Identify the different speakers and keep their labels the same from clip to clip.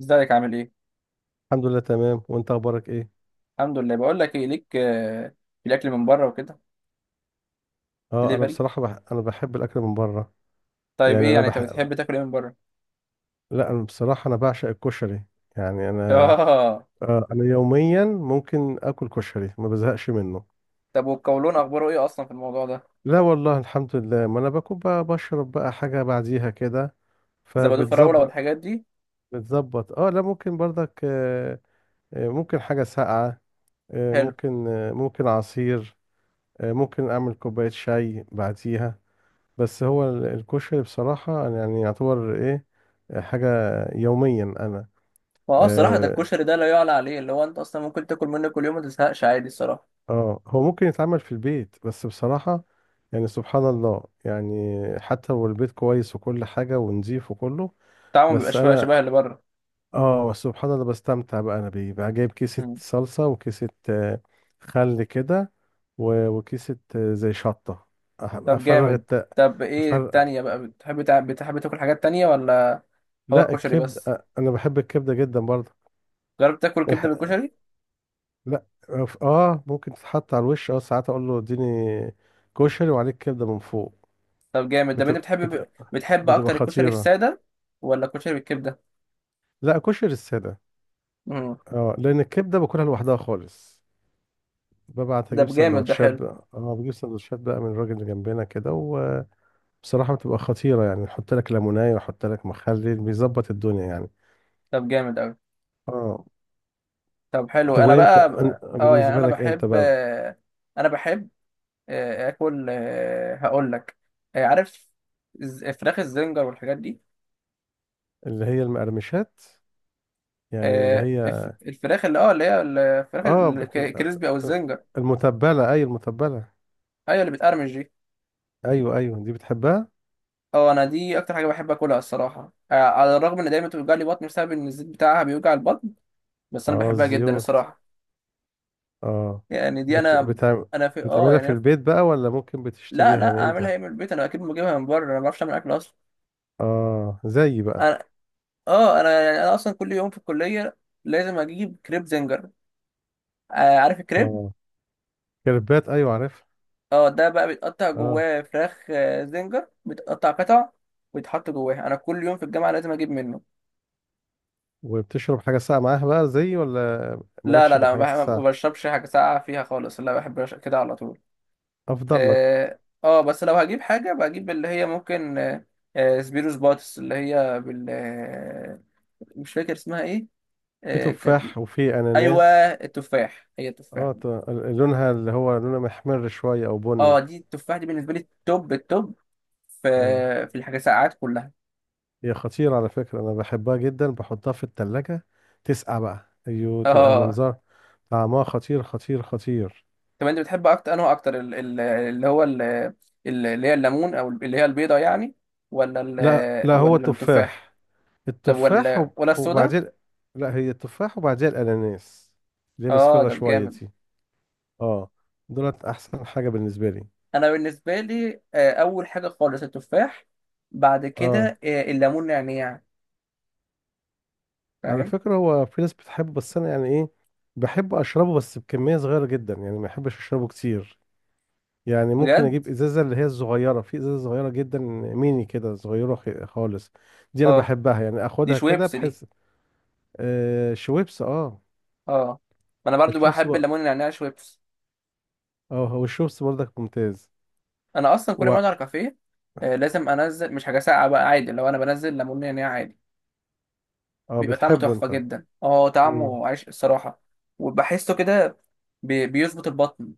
Speaker 1: ازيك؟ عامل ايه؟
Speaker 2: الحمد لله تمام، وانت اخبارك ايه؟
Speaker 1: الحمد لله. بقول لك ايه ليك، في الاكل من بره وكده.
Speaker 2: اه انا
Speaker 1: دليفري.
Speaker 2: بصراحه انا بحب الاكل من بره. يعني
Speaker 1: طيب، ايه
Speaker 2: انا
Speaker 1: يعني انت
Speaker 2: بح...
Speaker 1: بتحب تاكل ايه من بره؟
Speaker 2: لا انا بصراحه انا بعشق الكشري. يعني انا
Speaker 1: اه.
Speaker 2: آه انا يوميا ممكن اكل كشري ما بزهقش منه.
Speaker 1: طب والقولون اخباره ايه اصلا في الموضوع ده؟
Speaker 2: لا والله الحمد لله، ما انا باكل بقى بشرب بقى حاجه بعديها كده
Speaker 1: زبادو فراوله
Speaker 2: فبتظبط.
Speaker 1: والحاجات دي؟
Speaker 2: بتظبط، اه لا ممكن برضك، آه آه، ممكن حاجه ساقعه، آه
Speaker 1: حلو.
Speaker 2: ممكن، آه ممكن عصير، آه ممكن اعمل كوبايه شاي بعديها. بس هو الكشري بصراحة أنا يعني يعتبر إيه، حاجة يوميا أنا.
Speaker 1: ما هو الصراحه، ده
Speaker 2: آه،
Speaker 1: الكشري ده لا يعلى عليه. اللي هو انت اصلا ممكن تاكل منه كل يوم ما تزهقش عادي الصراحه.
Speaker 2: آه هو ممكن يتعمل في البيت بس بصراحة يعني سبحان الله، يعني حتى لو البيت كويس وكل حاجة ونظيف وكله،
Speaker 1: طعمه بيبقى
Speaker 2: بس
Speaker 1: شبه
Speaker 2: أنا
Speaker 1: شبه اللي بره.
Speaker 2: آه سبحان الله بستمتع بقى أنا بيه بقى، جايب كيسة
Speaker 1: مم.
Speaker 2: صلصة وكيسة، آه، خل كده، وكيسة آه، زي شطة. أح-
Speaker 1: طب
Speaker 2: أفرغ
Speaker 1: جامد.
Speaker 2: الت...
Speaker 1: طب، ايه
Speaker 2: أفرغ...
Speaker 1: التانية بقى، بتحب تاكل حاجات تانية ولا؟ هو
Speaker 2: لا
Speaker 1: الكشري بس؟
Speaker 2: الكبدة أنا بحب الكبدة جدا برضه.
Speaker 1: جربت تاكل كبده بالكشري؟
Speaker 2: لا آه، ممكن تتحط على الوش، اه ساعات اقول له اديني كشري وعليك كبده من فوق،
Speaker 1: طب جامد ده. انت
Speaker 2: بتبقى
Speaker 1: بتحب
Speaker 2: بتبقى,
Speaker 1: بتحب
Speaker 2: بتبقى
Speaker 1: اكتر الكشري
Speaker 2: خطيره.
Speaker 1: الساده ولا الكشري بالكبده؟
Speaker 2: لا كشري الساده،
Speaker 1: امم.
Speaker 2: اه لان الكبده باكلها لوحدها خالص، ببعت
Speaker 1: ده
Speaker 2: اجيب
Speaker 1: بجامد. ده
Speaker 2: سندوتشات
Speaker 1: حلو.
Speaker 2: بقى، اه بجيب سندوتشات بقى من الراجل اللي جنبنا كده. وبصراحه بتبقى خطيره، يعني يحط لك ليمونيه ويحط لك مخلل، بيظبط الدنيا يعني.
Speaker 1: طب جامد قوي.
Speaker 2: اه.
Speaker 1: طب حلو.
Speaker 2: طب
Speaker 1: انا
Speaker 2: وانت
Speaker 1: بقى، اه، يعني
Speaker 2: بالنسبه لك انت بقى؟
Speaker 1: انا بحب، اكل. هقول لك. عارف، فراخ الزنجر والحاجات دي.
Speaker 2: اللي هي المقرمشات، يعني اللي هي،
Speaker 1: الفراخ اللي هي الفراخ
Speaker 2: اه بتبقى
Speaker 1: الكريسبي او
Speaker 2: آه،
Speaker 1: الزنجر.
Speaker 2: المتبله، اي المتبله.
Speaker 1: ايوه، اللي بتقرمش دي.
Speaker 2: ايوه ايوه، دي بتحبها.
Speaker 1: اه، انا دي اكتر حاجه بحب اكلها الصراحه، على الرغم ان دايما بتوجع لي بطني، بسبب ان الزيت بتاعها بيوجع البطن. بس انا
Speaker 2: اه
Speaker 1: بحبها جدا
Speaker 2: الزيوت.
Speaker 1: الصراحه.
Speaker 2: اه.
Speaker 1: يعني دي
Speaker 2: بت...
Speaker 1: انا.
Speaker 2: بتع...
Speaker 1: انا في،
Speaker 2: بتعملها في
Speaker 1: يعني أنا-.
Speaker 2: البيت بقى ولا ممكن
Speaker 1: لا،
Speaker 2: بتشتريها
Speaker 1: لا،
Speaker 2: يعني
Speaker 1: اعملها
Speaker 2: انت؟
Speaker 1: ايه من البيت؟ انا اكيد بجيبها من بره. انا ما بعرفش اعمل اكل اصلا.
Speaker 2: اه زي بقى.
Speaker 1: انا اه انا يعني انا اصلا كل يوم في الكليه، لازم اجيب كريب زنجر. عارف الكريب؟
Speaker 2: اه كريبات ايوه عارف.
Speaker 1: اه، ده بقى بيتقطع
Speaker 2: اه.
Speaker 1: جواه فراخ، زنجر بيتقطع قطع، ويتحط جواها. انا كل يوم في الجامعه لازم اجيب منه.
Speaker 2: وبتشرب حاجه ساقعه معاها بقى زي، ولا
Speaker 1: لا،
Speaker 2: مالكش
Speaker 1: لا،
Speaker 2: في
Speaker 1: لا،
Speaker 2: الحاجات
Speaker 1: ما
Speaker 2: الساقعه؟
Speaker 1: بشربش حاجه ساقعه فيها خالص. لا، بحب أش- كده على طول.
Speaker 2: افضل لك.
Speaker 1: اه. بس لو هجيب حاجه، بجيب اللي هي ممكن، سبيروس باتس اللي هي بال، مش فاكر اسمها ايه.
Speaker 2: في
Speaker 1: كانت.
Speaker 2: تفاح وفي
Speaker 1: ايوه.
Speaker 2: اناناس.
Speaker 1: التفاح، هي التفاح.
Speaker 2: اه لونها اللي هو لونها محمر شويه او
Speaker 1: اه،
Speaker 2: بني.
Speaker 1: دي التفاح دي بالنسبه لي التوب التوب. في.
Speaker 2: اه
Speaker 1: في الحاجات ساعات كلها.
Speaker 2: هي خطيرة على فكرة، أنا بحبها جدا بحطها في التلاجة، تسقع بقى، أيوه تبقى
Speaker 1: اه.
Speaker 2: منظر، طعمها خطير خطير خطير.
Speaker 1: طب، انت بتحب اكتر، انه اكتر ال- ال- اللي هو ال- ال- اللي هي الليمون او اللي هي البيضه يعني، ولا
Speaker 2: لا لا، هو
Speaker 1: ولا التفاح؟
Speaker 2: تفاح،
Speaker 1: طب، ولا ولا السودا؟
Speaker 2: وبعدين، لا هي التفاح وبعدين الأناناس اللي هي
Speaker 1: اه،
Speaker 2: مصفرة
Speaker 1: ده
Speaker 2: شوية
Speaker 1: جامد.
Speaker 2: دي. اه. دولت أحسن حاجة بالنسبة لي.
Speaker 1: انا بالنسبه لي اول حاجه خالص التفاح. بعد
Speaker 2: اه
Speaker 1: كده الليمون نعناع.
Speaker 2: على
Speaker 1: فاهم؟
Speaker 2: فكرة هو في ناس بتحبه، بس أنا يعني إيه، بحب أشربه بس بكمية صغيرة جدا، يعني ما بحبش أشربه كتير. يعني ممكن
Speaker 1: بجد؟
Speaker 2: اجيب ازازه اللي هي الصغيره، في ازازه صغيره جدا ميني كده صغيره خالص، دي انا
Speaker 1: اه،
Speaker 2: بحبها، يعني
Speaker 1: دي
Speaker 2: اخدها كده
Speaker 1: شويبس دي.
Speaker 2: بحيث. آه شويبس اه.
Speaker 1: اه، ما انا برضو
Speaker 2: الشويبس
Speaker 1: بحب
Speaker 2: بق-
Speaker 1: الليمون النعناع شويبس.
Speaker 2: اه هو الشويبس برضك ممتاز.
Speaker 1: انا اصلا كل ما
Speaker 2: و...
Speaker 1: اقعد على كافيه، لازم انزل، مش حاجه ساقعه بقى عادي، لو انا بنزل ليمون نعناع عادي،
Speaker 2: اه
Speaker 1: بيبقى طعمه
Speaker 2: بتحبه
Speaker 1: تحفه
Speaker 2: انت.
Speaker 1: جدا. اه،
Speaker 2: امم.
Speaker 1: طعمه عايش الصراحه. وبحسه كده، بيظبط البطن.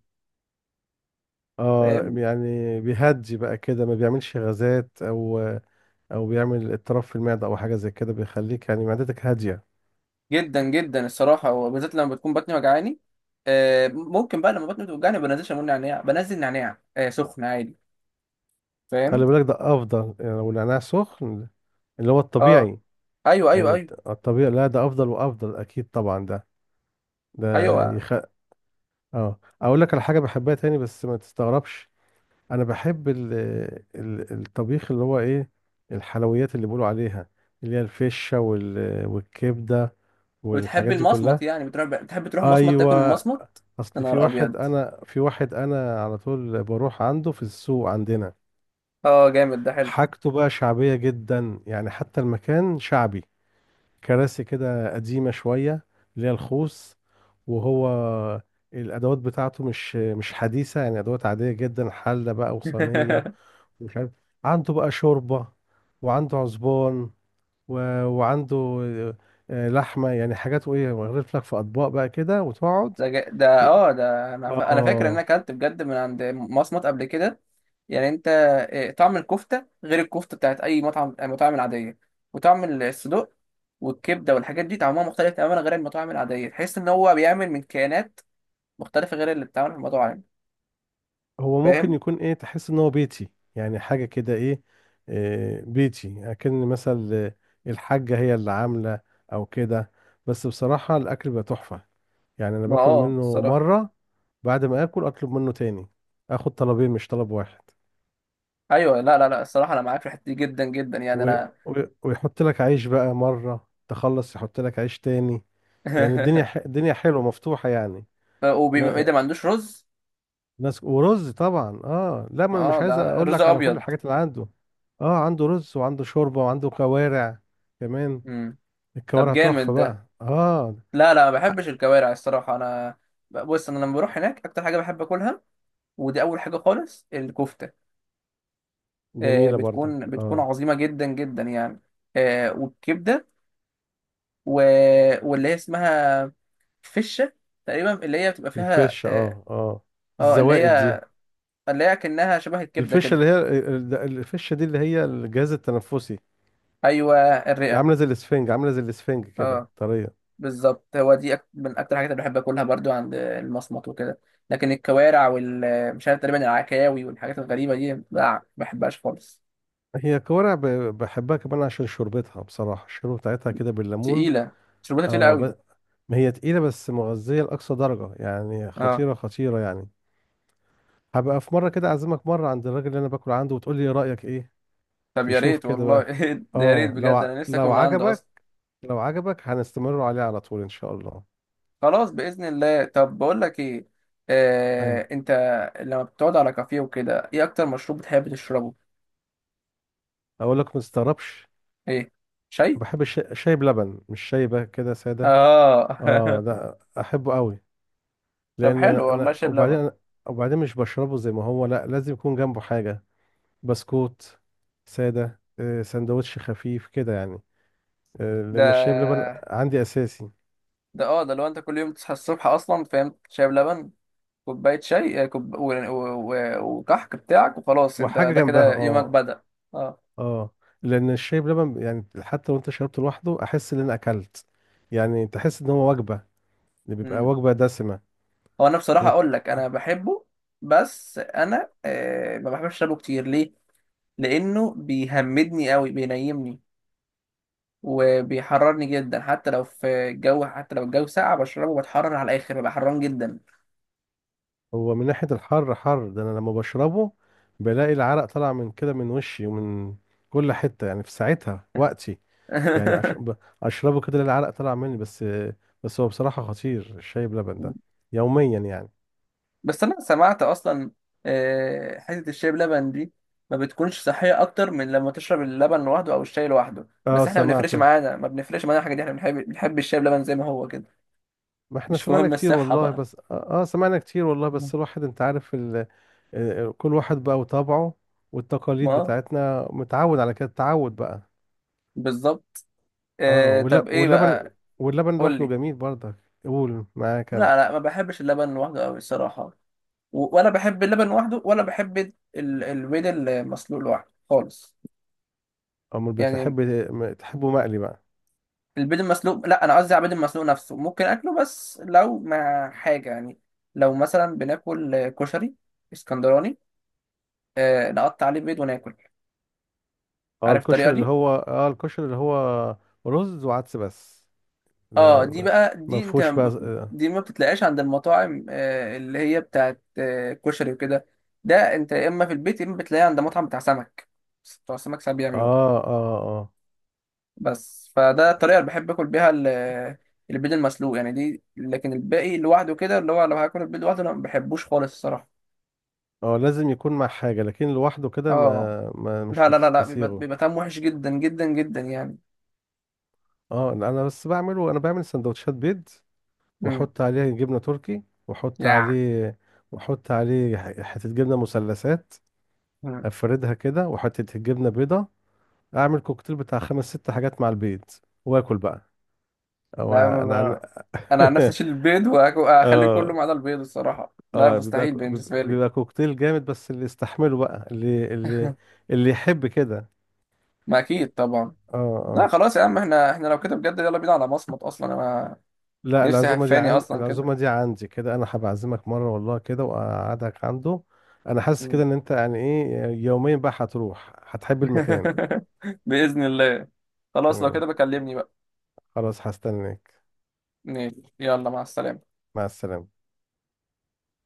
Speaker 2: اه
Speaker 1: فاهم؟
Speaker 2: يعني بيهدي بقى كده، ما بيعملش غازات، او او بيعمل اضطراب في المعده او حاجه زي كده، بيخليك يعني معدتك هاديه.
Speaker 1: جدا جدا الصراحه، وبالذات لما بتكون بطني وجعاني. ممكن بقى لما بطني بتوجعني ما بنزلش ليمون نعناع، بنزل نعناع سخن عادي. فاهم؟
Speaker 2: خلي بالك ده افضل، يعني لو النعناع سخن، اللي هو
Speaker 1: اه،
Speaker 2: الطبيعي،
Speaker 1: ايوه، ايوه،
Speaker 2: يعني
Speaker 1: ايوه،
Speaker 2: الطبيعي، لا ده افضل وافضل اكيد طبعا، ده
Speaker 1: ايوه.
Speaker 2: يخ... اه اقول لك على حاجه بحبها تاني بس ما تستغربش. انا بحب الطبيخ، اللي هو ايه، الحلويات اللي بيقولوا عليها، اللي هي الفشه والكبده
Speaker 1: بتحب
Speaker 2: والحاجات دي
Speaker 1: المصمت
Speaker 2: كلها.
Speaker 1: يعني؟ بتحب تروح مصمت تاكل
Speaker 2: ايوه،
Speaker 1: المصمت؟ يا
Speaker 2: اصل في
Speaker 1: نهار
Speaker 2: واحد
Speaker 1: ابيض.
Speaker 2: انا في واحد انا على طول بروح عنده في السوق عندنا.
Speaker 1: اه، جامد. ده حلو.
Speaker 2: حاجته بقى شعبيه جدا، يعني حتى المكان شعبي، كراسي كده قديمة شوية اللي هي الخوص، وهو الأدوات بتاعته مش حديثة، يعني أدوات عادية جدا، حلة بقى وصينية ومش عارف. عنده بقى شوربة، وعنده عزبان، و... وعنده آه، لحمة، يعني حاجات وإيه، ويغرف لك في أطباق بقى كده وتقعد.
Speaker 1: ده جا- ده
Speaker 2: ي-
Speaker 1: اه ده انا فاكر ان انا
Speaker 2: آه.
Speaker 1: اكلت بجد من عند مصمت قبل كده. يعني انت، طعم الكفته غير الكفته بتاعت اي مطعم، المطاعم العاديه. وطعم الصدوق والكبده والحاجات دي طعمها مختلف تماما غير المطاعم العاديه. تحس ان هو بيعمل من كيانات مختلفه غير اللي بتتعمل في المطاعم.
Speaker 2: هو ممكن
Speaker 1: فاهم؟
Speaker 2: يكون ايه، تحس ان هو بيتي، يعني حاجة كده ايه، آه، بيتي اكن مثلا، آه، الحاجة هي اللي عاملة او كده. بس بصراحة الاكل بقى تحفة، يعني انا
Speaker 1: ما
Speaker 2: باكل منه
Speaker 1: الصراحه.
Speaker 2: مرة بعد ما اكل اطلب منه تاني، اخد طلبين مش طلب واحد.
Speaker 1: ايوه. لا، لا، لا، الصراحه انا معاك في الحته دي جدا جدا، يعني
Speaker 2: و...
Speaker 1: انا.
Speaker 2: و... ويحط لك عيش بقى، مرة تخلص يحط لك عيش تاني، يعني الدنيا الدنيا حلوة مفتوحة يعني.
Speaker 1: ايه
Speaker 2: ن-
Speaker 1: ده ما عندوش رز؟
Speaker 2: ناس ورز طبعا، اه لا ما انا
Speaker 1: اه،
Speaker 2: مش
Speaker 1: ده
Speaker 2: عايز اقول
Speaker 1: رز
Speaker 2: لك على كل
Speaker 1: ابيض؟
Speaker 2: الحاجات اللي عنده. اه عنده رز وعنده شوربه وعنده كوارع كمان،
Speaker 1: امم. طب
Speaker 2: الكوارع
Speaker 1: جامد
Speaker 2: تحفه
Speaker 1: ده.
Speaker 2: بقى اه.
Speaker 1: لا، لا، ما بحبش
Speaker 2: حق.
Speaker 1: الكوارع الصراحة أنا. بص، أنا لما بروح هناك أكتر حاجة بحب أكلها، ودي أول حاجة خالص، الكفتة.
Speaker 2: جميله برضك
Speaker 1: بتكون
Speaker 2: اه.
Speaker 1: عظيمة جدا جدا يعني. والكبدة، و... واللي هي اسمها فشة تقريبا، اللي هي بتبقى فيها
Speaker 2: الفشه
Speaker 1: اه
Speaker 2: اه اه،
Speaker 1: اللي
Speaker 2: الزوائد دي،
Speaker 1: هي، اللي هي كأنها شبه الكبدة
Speaker 2: الفشه
Speaker 1: كده.
Speaker 2: اللي هي الفشه دي اللي هي الجهاز التنفسي،
Speaker 1: أيوة، الرئة.
Speaker 2: عامله زي الاسفنج، عامله زي الاسفنج كده
Speaker 1: اه،
Speaker 2: طريه.
Speaker 1: بالظبط. هو دي من أكتر الحاجات اللي بحب أكلها برضو عند المصمت وكده. لكن الكوارع مش عارف، تقريبا العكاوي والحاجات الغريبة دي لا، ما بحبهاش خالص.
Speaker 2: هي كوارع بحبها كمان عشان شوربتها، بصراحه الشوربه بتاعتها كده بالليمون
Speaker 1: تقيلة. شربتها تقيلة قوي.
Speaker 2: اه، ما هي تقيلة بس مغذية لأقصى درجة، يعني
Speaker 1: اه.
Speaker 2: خطيرة خطيرة يعني. هبقى في مرة كده أعزمك مرة عند الراجل اللي أنا باكل عنده وتقول لي رأيك إيه.
Speaker 1: طب يا
Speaker 2: تشوف
Speaker 1: ريت
Speaker 2: كده
Speaker 1: والله.
Speaker 2: بقى.
Speaker 1: ده يا ريت
Speaker 2: آه
Speaker 1: بجد، انا نفسي اكل
Speaker 2: لو
Speaker 1: من عنده
Speaker 2: عجبك،
Speaker 1: اصلا.
Speaker 2: لو عجبك هنستمر عليه على طول إن شاء الله.
Speaker 1: خلاص بإذن الله. طب بقول لك ايه،
Speaker 2: أيوة.
Speaker 1: انت لما بتقعد على كافيه وكده، ايه اكتر مشروب بتحب تشربه؟
Speaker 2: أقول لك ما تستغربش،
Speaker 1: ايه؟ شاي؟
Speaker 2: بحب الشاي، شاي بلبن مش شاي بقى كده سادة. آه
Speaker 1: اه.
Speaker 2: ده أحبه قوي.
Speaker 1: طب
Speaker 2: لأن
Speaker 1: حلو
Speaker 2: أنا
Speaker 1: والله.
Speaker 2: أنا
Speaker 1: شايب
Speaker 2: وبعدين
Speaker 1: لبن.
Speaker 2: أنا... وبعدين مش بشربه زي ما هو، لا لازم يكون جنبه حاجة، بسكوت سادة، آه، سندوتش خفيف كده يعني، آه، لان الشاي بلبن
Speaker 1: ده
Speaker 2: عندي اساسي
Speaker 1: ده لو انت كل يوم تصحى الصبح اصلا، فاهم، شايب لبن، كوباية شاي، كوب... و... و... و... وكحك بتاعك وخلاص، انت
Speaker 2: وحاجه
Speaker 1: ده
Speaker 2: جنبها
Speaker 1: كده يومك
Speaker 2: اه.
Speaker 1: بدأ. اه.
Speaker 2: اه لان الشاي بلبن يعني حتى لو انت شربته لوحده احس ان انا اكلت، يعني تحس ان هو وجبه، اللي بيبقى وجبه دسمه.
Speaker 1: هو انا بصراحه
Speaker 2: بت...
Speaker 1: اقول لك، انا بحبه، بس انا ما بحبش اشربه كتير. ليه؟ لانه بيهمدني قوي، بينيمني، وبيحررني جدا. حتى لو في الجو، حتى لو الجو ساقع بشربه، بتحرر على الاخر، ببقى حران جدا.
Speaker 2: هو من ناحيه الحر، حر ده انا لما بشربه بلاقي العرق طالع من كده، من وشي ومن كل حته يعني، في ساعتها وقتي يعني، اشربه كده العرق طالع مني بس، بس هو بصراحه خطير الشاي بلبن ده يوميا يعني.
Speaker 1: بس انا سمعت اصلا حته الشاي بلبن دي ما بتكونش صحيه اكتر من لما تشرب اللبن لوحده او الشاي لوحده.
Speaker 2: اه
Speaker 1: بس احنا ما
Speaker 2: سمعت،
Speaker 1: بنفرقش معانا ما بنفرقش معانا الحاجه دي، احنا بنحب الشاي بلبن زي ما هو كده.
Speaker 2: ما احنا
Speaker 1: مش
Speaker 2: سمعنا
Speaker 1: مهم
Speaker 2: كتير
Speaker 1: الصحه
Speaker 2: والله،
Speaker 1: بقى.
Speaker 2: بس اه آه، سمعنا كتير والله
Speaker 1: مم.
Speaker 2: بس الواحد انت عارف آه، آه، كل واحد بقى وطبعه، والتقاليد
Speaker 1: ما،
Speaker 2: بتاعتنا متعود على كده، تعود بقى.
Speaker 1: بالظبط.
Speaker 2: اه
Speaker 1: طب، ايه
Speaker 2: واللبن،
Speaker 1: بقى.
Speaker 2: واللبن
Speaker 1: قول
Speaker 2: لوحده
Speaker 1: لي.
Speaker 2: جميل برضك. قول معاك انا.
Speaker 1: لا، لا، ما بحبش اللبن لوحده قوي الصراحه. ولا بحب اللبن لوحده، ولا بحب البيض المسلوق لوحده خالص.
Speaker 2: امال
Speaker 1: يعني،
Speaker 2: بتحب، تحبه مقلي بقى؟
Speaker 1: البيض المسلوق، لا، انا قصدي على البيض المسلوق نفسه ممكن اكله بس لو مع حاجه يعني. لو مثلا بناكل كشري اسكندراني، نقطع عليه بيض وناكل.
Speaker 2: اه
Speaker 1: عارف الطريقه دي؟
Speaker 2: الكشري اللي هو رز وعدس بس،
Speaker 1: اه، دي
Speaker 2: آه،
Speaker 1: بقى
Speaker 2: ما
Speaker 1: دي انت،
Speaker 2: فيهوش بقى اه
Speaker 1: دي ما بتتلاقاش عند المطاعم اللي هي بتاعت كشري وكده. ده انت يا اما في البيت، يا اما بتلاقيه عند مطعم بتاع سمك. بتوع السمك ساعات بيعملوه.
Speaker 2: اه اه اه.
Speaker 1: بس فده الطريقه اللي بحب اكل بيها ال-. البيض المسلوق يعني دي، لكن الباقي لوحده كده، اللي هو لو هاكل البيض لوحده انا ما بحبوش خالص الصراحه.
Speaker 2: آه، لازم يكون مع حاجة، لكن لوحده كده
Speaker 1: اه،
Speaker 2: ما مش
Speaker 1: لا، لا، لا، لا، بيبقى
Speaker 2: بتستسيغه.
Speaker 1: بيبقى طعمه وحش جدا جدا جدا يعني.
Speaker 2: اه لا، انا بس بعمله، انا بعمل سندوتشات بيض
Speaker 1: امم.
Speaker 2: واحط عليه جبنه تركي، واحط
Speaker 1: يا.
Speaker 2: عليه واحط عليه حته جبنه مثلثات،
Speaker 1: مم.
Speaker 2: افردها كده، وحته جبنه بيضه، اعمل كوكتيل بتاع خمس ست حاجات مع البيض واكل بقى. او انا عن...
Speaker 1: لا، انا عن نفسي اشيل البيض واخليه كله
Speaker 2: اه
Speaker 1: ما عدا البيض الصراحه، لا
Speaker 2: اه بيبقى
Speaker 1: مستحيل بالنسبه لي.
Speaker 2: كوكتيل جامد، بس اللي يستحمله بقى، اللي يحب كده.
Speaker 1: ما اكيد طبعا.
Speaker 2: اه
Speaker 1: لا
Speaker 2: آه.
Speaker 1: خلاص يا عم، احنا لو كده بجد يلا بينا على مصمت اصلا. انا
Speaker 2: لا
Speaker 1: نفسي
Speaker 2: العزومة دي،
Speaker 1: هفاني
Speaker 2: عن
Speaker 1: اصلا كده.
Speaker 2: العزومة دي عندي كده، أنا هبعزمك مرة والله كده وأقعدك عنده. أنا حاسس كده
Speaker 1: مم.
Speaker 2: إن أنت يعني إيه يومين بقى هتروح هتحب المكان.
Speaker 1: باذن الله. خلاص لو
Speaker 2: تمام،
Speaker 1: كده بكلمني بقى.
Speaker 2: خلاص هستناك.
Speaker 1: ماشي، يلا مع السلامه.
Speaker 2: مع السلامة.